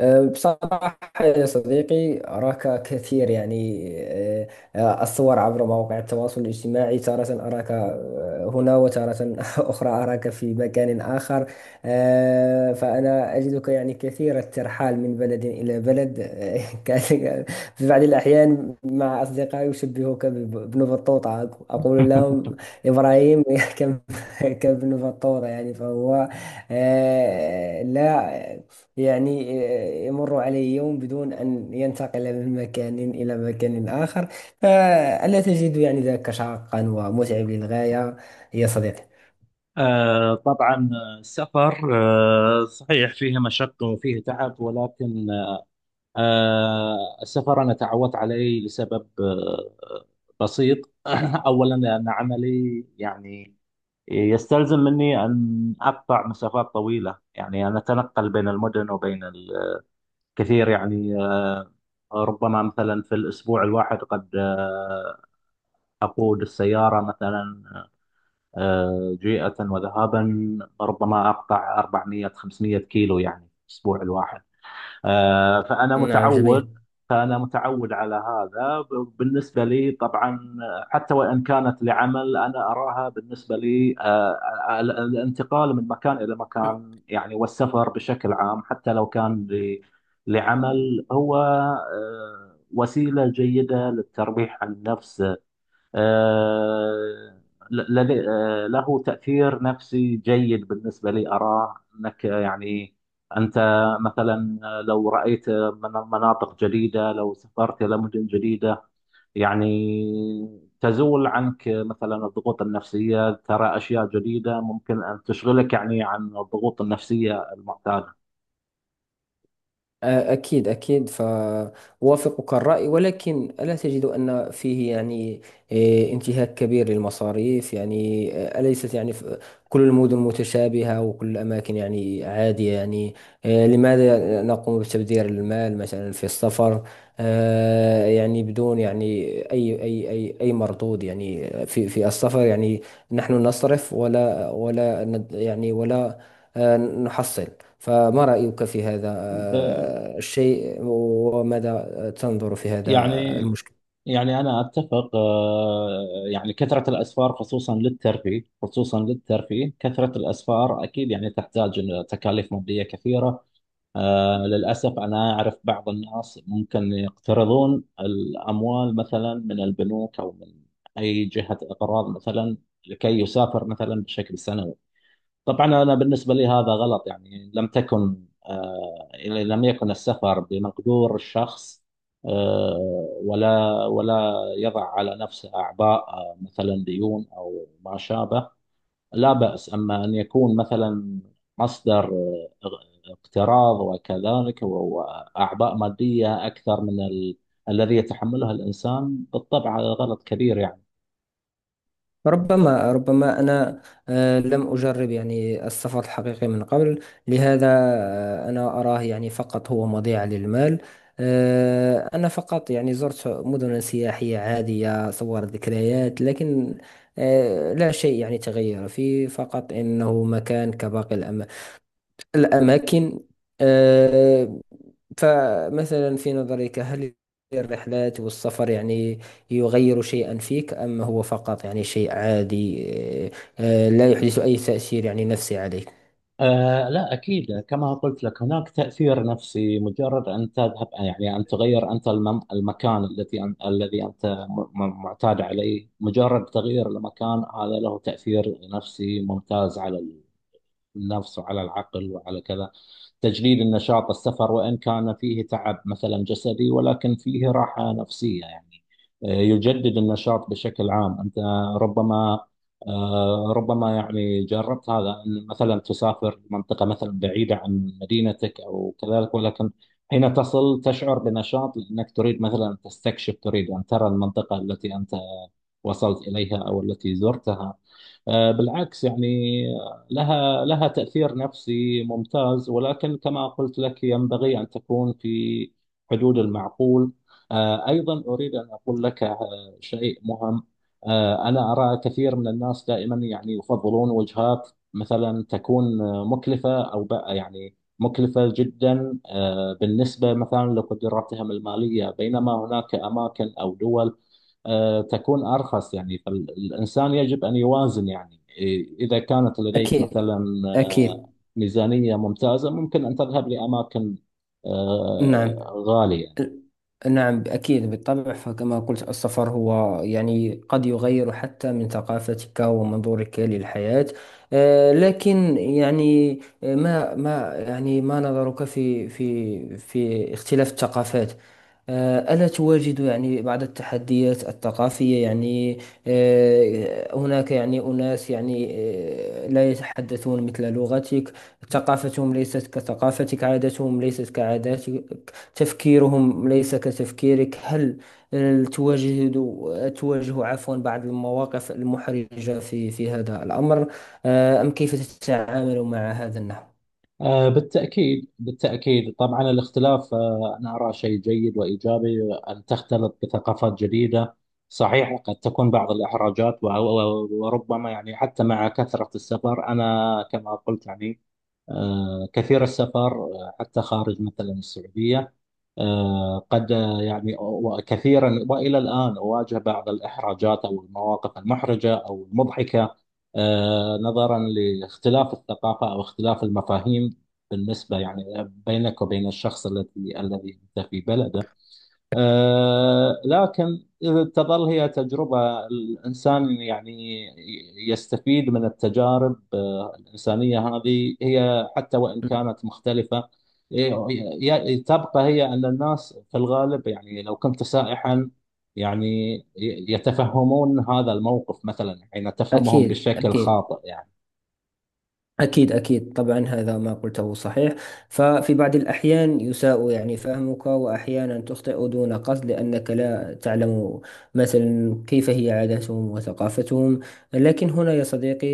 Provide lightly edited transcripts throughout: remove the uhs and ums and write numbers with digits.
بصراحة يا صديقي، أراك كثير يعني. أه، أه، الصور عبر مواقع التواصل الاجتماعي تارة أراك هنا، وتارة أخرى أراك في مكان آخر. فأنا أجدك يعني كثير الترحال من بلد إلى بلد، كأنك في بعض الأحيان. مع أصدقائي يشبهك بابن بطوطة، أقول لهم إبراهيم كم كابن بطوطة يعني. فهو لا يعني يمر عليه يوم بدون أن ينتقل من مكان إلى مكان آخر. فألا تجد يعني ذاك شاقا ومتعب للغاية يا صديقي؟ طبعا. السفر صحيح فيه مشقة وفيه تعب، ولكن السفر أنا تعودت عليه لسبب بسيط. أولا لأن عملي يعني يستلزم مني أن أقطع مسافات طويلة، يعني أنا أتنقل بين المدن وبين الكثير يعني ربما مثلا في الأسبوع الواحد قد أقود السيارة مثلا جيئة وذهابا، ربما أقطع 400 500 كيلو يعني في الأسبوع الواحد. آه، فأنا نعم، متعود جميل. فأنا متعود على هذا بالنسبة لي طبعا، حتى وإن كانت لعمل. أنا أراها بالنسبة لي الانتقال من مكان إلى مكان يعني، والسفر بشكل عام حتى لو كان لعمل، هو وسيلة جيدة للترفيه عن النفس. آه، له تأثير نفسي جيد بالنسبة لي، أراه أنك يعني أنت مثلا لو رأيت من مناطق جديدة، لو سافرت إلى مدن جديدة، يعني تزول عنك مثلا الضغوط النفسية، ترى أشياء جديدة ممكن أن تشغلك يعني عن الضغوط النفسية المعتادة. أكيد أكيد، فأوافقك الرأي. ولكن ألا تجد أن فيه يعني إيه، انتهاك كبير للمصاريف؟ يعني أليست يعني كل المدن متشابهة، وكل الأماكن يعني عادية يعني. لماذا نقوم بتبذير المال مثلا في السفر، يعني بدون يعني أي مردود يعني في السفر؟ يعني نحن نصرف ولا يعني ولا نحصل. فما رأيك في هذا آه، الشيء، وماذا تنظر في يعني هذا المشكل؟ يعني أنا أتفق يعني كثرة الأسفار خصوصا للترفيه خصوصا للترفيه كثرة الأسفار أكيد يعني تحتاج إلى تكاليف مادية كثيرة. للأسف أنا أعرف بعض الناس ممكن يقترضون الأموال مثلا من البنوك أو من أي جهة إقراض مثلا، لكي يسافر مثلا بشكل سنوي. طبعا انا بالنسبه لي هذا غلط. يعني لم تكن آه لم يكن السفر بمقدور الشخص، آه ولا يضع على نفسه اعباء مثلا ديون او ما شابه، لا باس. اما ان يكون مثلا مصدر اقتراض، وكذلك واعباء ماديه اكثر من الذي يتحملها الانسان، بالطبع هذا غلط كبير يعني. ربما أنا لم أجرب يعني السفر الحقيقي من قبل، لهذا أنا أراه يعني فقط هو مضيعة للمال. أنا فقط يعني زرت مدن سياحية عادية، صور، ذكريات، لكن لا شيء يعني تغير فيه، فقط إنه مكان كباقي الأماكن. آه، فمثلا في نظرك، هل الرحلات والسفر يعني يغير شيئا فيك، أم هو فقط يعني شيء عادي، آه، لا يحدث أي تأثير يعني نفسي عليك؟ لا، أكيد. كما قلت لك هناك تأثير نفسي، مجرد أن تذهب، يعني أن تغير أنت المكان التي أن الذي أنت معتاد عليه. مجرد تغيير المكان هذا له تأثير نفسي ممتاز على النفس وعلى العقل وعلى كذا، تجليل النشاط. السفر وإن كان فيه تعب مثلا جسدي ولكن فيه راحة نفسية يعني، يجدد النشاط بشكل عام. أنت ربما ربما يعني جربت هذا، أن مثلا تسافر منطقة مثلا بعيدة عن مدينتك أو كذلك، ولكن حين تصل تشعر بنشاط لأنك تريد مثلا تستكشف، تريد أن ترى المنطقة التي أنت وصلت إليها أو التي زرتها. بالعكس يعني، لها تأثير نفسي ممتاز، ولكن كما قلت لك ينبغي أن تكون في حدود المعقول. أيضا أريد أن أقول لك شيء مهم. أنا أرى كثير من الناس دائما يعني يفضلون وجهات مثلا تكون مكلفة، أو بقى يعني مكلفة جدا بالنسبة مثلا لقدراتهم المالية، بينما هناك أماكن أو دول تكون أرخص. يعني فالإنسان يجب أن يوازن يعني، إيه، إذا كانت لديك أكيد مثلا أكيد. آه، ميزانية ممتازة ممكن أن تذهب لأماكن نعم، غالية. نعم أكيد بالطبع. فكما قلت، السفر هو يعني قد يغير حتى من ثقافتك ومنظورك للحياة. لكن يعني ما يعني ما نظرك في في اختلاف الثقافات؟ ألا تواجد يعني بعض التحديات الثقافية؟ يعني هناك يعني أناس يعني لا يتحدثون مثل لغتك، ثقافتهم ليست كثقافتك، عاداتهم ليست كعاداتك، تفكيرهم ليس كتفكيرك. هل آه، تواجه تواجه عفوا بعض المواقف المحرجة في هذا الأمر؟ أم كيف تتعامل مع هذا النحو؟ بالتأكيد بالتأكيد طبعا. الاختلاف أنا أرى شيء جيد وإيجابي، أن تختلط بثقافات جديدة. صحيح قد تكون بعض الإحراجات وربما، يعني حتى مع كثرة السفر أنا كما قلت يعني كثير السفر حتى خارج مثلا السعودية، آه، قد آه، يعني وكثيرا، والى الان اواجه بعض الاحراجات او المواقف المحرجه او المضحكه نظرا لاختلاف الثقافه او اختلاف المفاهيم بالنسبه يعني بينك وبين الشخص الذي انت في بلده. لكن إذا تظل هي تجربة الإنسان، يعني يستفيد من التجارب الإنسانية هذه، هي حتى وإن نعم. كانت مختلفة. ي- تبقى هي أن الناس في الغالب يعني لو كنت سائحا، يعني يتفهمون هذا الموقف مثلا حين تفهمهم أكيد بشكل أكيد. خاطئ يعني. أكيد أكيد طبعا، هذا ما قلته صحيح. ففي بعض الأحيان يساء يعني فهمك، وأحيانا تخطئ دون قصد لأنك لا تعلم مثلا كيف هي عاداتهم وثقافتهم. لكن هنا يا صديقي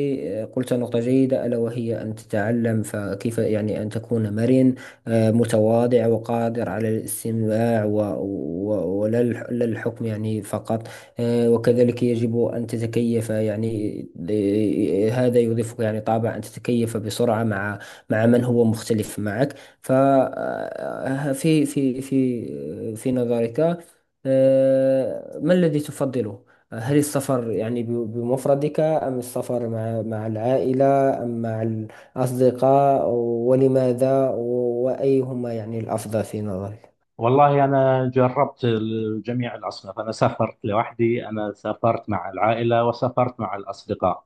قلت نقطة جيدة، ألا وهي أن تتعلم. فكيف يعني أن تكون مرن متواضع وقادر على الاستماع ولا لا الحكم يعني فقط؟ وكذلك يجب أن تتكيف يعني، هذا يضيفك يعني طابع أن تتكيف بسرعة مع مع من هو مختلف معك. ففي في في في نظرك ما الذي تفضله؟ هل السفر يعني بمفردك، أم السفر مع العائلة، أم مع الأصدقاء؟ ولماذا؟ وأيهما يعني الأفضل في نظرك؟ والله أنا جربت جميع الأصناف. أنا سافرت لوحدي، أنا سافرت مع العائلة، وسافرت مع الأصدقاء.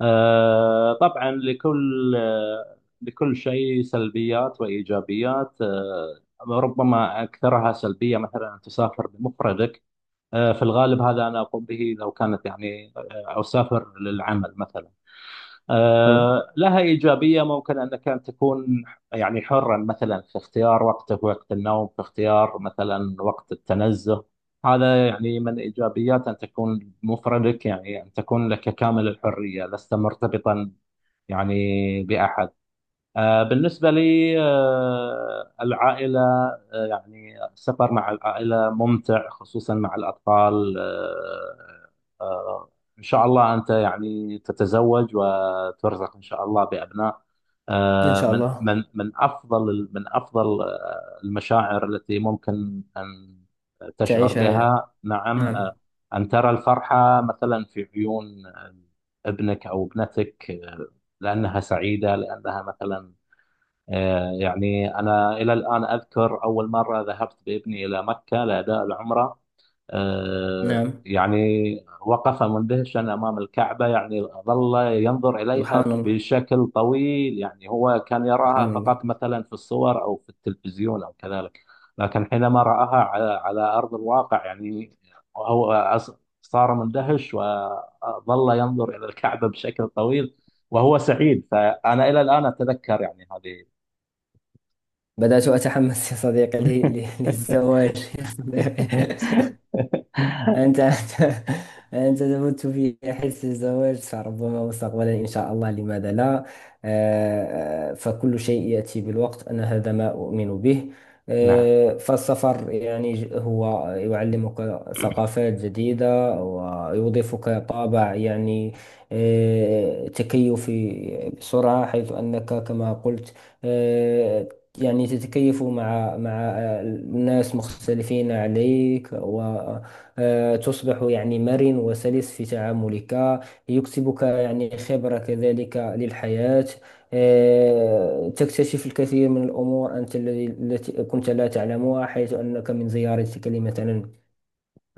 طبعا لكل شيء سلبيات وإيجابيات. ربما أكثرها سلبية مثلا أن تسافر بمفردك. في الغالب هذا أنا أقوم به لو كانت يعني أسافر للعمل مثلا. نعم. لها إيجابية، ممكن أنك أن تكون يعني حرا مثلا في اختيار وقتك، وقت النوم، في اختيار مثلا وقت التنزه. هذا يعني من إيجابيات أن تكون مفردك، يعني أن تكون لك كامل الحرية، لست مرتبطا يعني بأحد. بالنسبة لي العائلة، يعني السفر مع العائلة ممتع، خصوصا مع الأطفال. آه، إن شاء الله أنت يعني تتزوج وترزق إن شاء الله بأبناء. إن شاء من الله. من من أفضل من أفضل المشاعر التي ممكن أن تشعر تعيشها يعني. بها. نعم. نعم. أن ترى الفرحة مثلا في عيون ابنك أو ابنتك، لأنها سعيدة، لأنها مثلا أنا إلى الآن أذكر أول مرة ذهبت بابني إلى مكة لأداء العمرة. نعم. يعني وقف مندهشا أمام الكعبة، يعني ظل ينظر إليها سبحان الله. بشكل طويل، يعني هو كان يراها سبحان الله. فقط مثلا في الصور أو في التلفزيون أو كذلك. لكن حينما رآها على أرض الواقع، يعني هو صار مندهش، وظل ينظر إلى الكعبة بشكل طويل، وهو سعيد. فأنا إلى الآن أتذكر يعني هذه. بدأت أتحمس يا صديقي للزواج يا صديقي. أنت أنت تموت في حس الزواج. فربما مستقبلا إن شاء الله، لماذا لا؟ فكل شيء يأتي بالوقت، أنا هذا ما أؤمن به. نعم، فالسفر يعني هو يعلمك ثقافات جديدة ويضيفك طابع يعني تكيفي بسرعة، حيث أنك كما قلت آه، يعني تتكيف مع مع الناس مختلفين عليك، و آه، تصبح يعني مرن وسلس في تعاملك، يكسبك يعني خبرة كذلك للحياة. تكتشف الكثير من الأمور أنت التي كنت لا تعلمها، حيث أنك من زيارتك لمثلا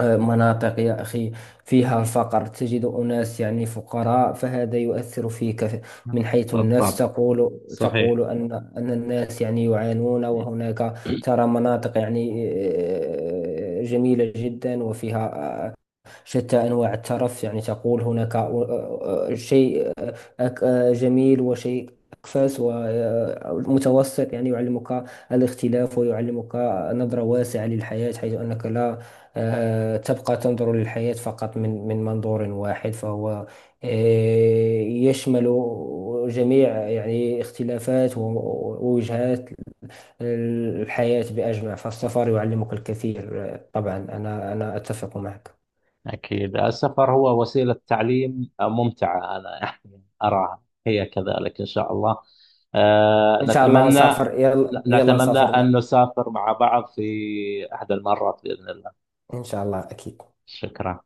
مناطق يا أخي فيها الفقر، تجد أناس يعني فقراء، فهذا يؤثر فيك من حيث النفس، بالطبع، تقول صحيح. أن الناس يعني يعانون. وهناك ترى مناطق يعني جميلة جدا وفيها شتى أنواع الترف، يعني تقول هناك شيء جميل، وشيء أكفس ومتوسط، يعني يعلمك الاختلاف ويعلمك نظرة واسعة للحياة، حيث أنك لا تبقى تنظر للحياة فقط من منظور واحد، فهو آه، يشمل جميع يعني اختلافات ووجهات الحياة بأجمع. فالسفر يعلمك الكثير. طبعا أنا أتفق معك. أكيد السفر هو وسيلة تعليم ممتعة، أنا يعني أراها هي كذلك. إن شاء الله آه، ان شاء الله نتمنى نسافر، يلا يلا نتمنى نسافر مع... أن نسافر مع بعض في أحد المرات بإذن الله. ان شاء الله اكيد. شكرا.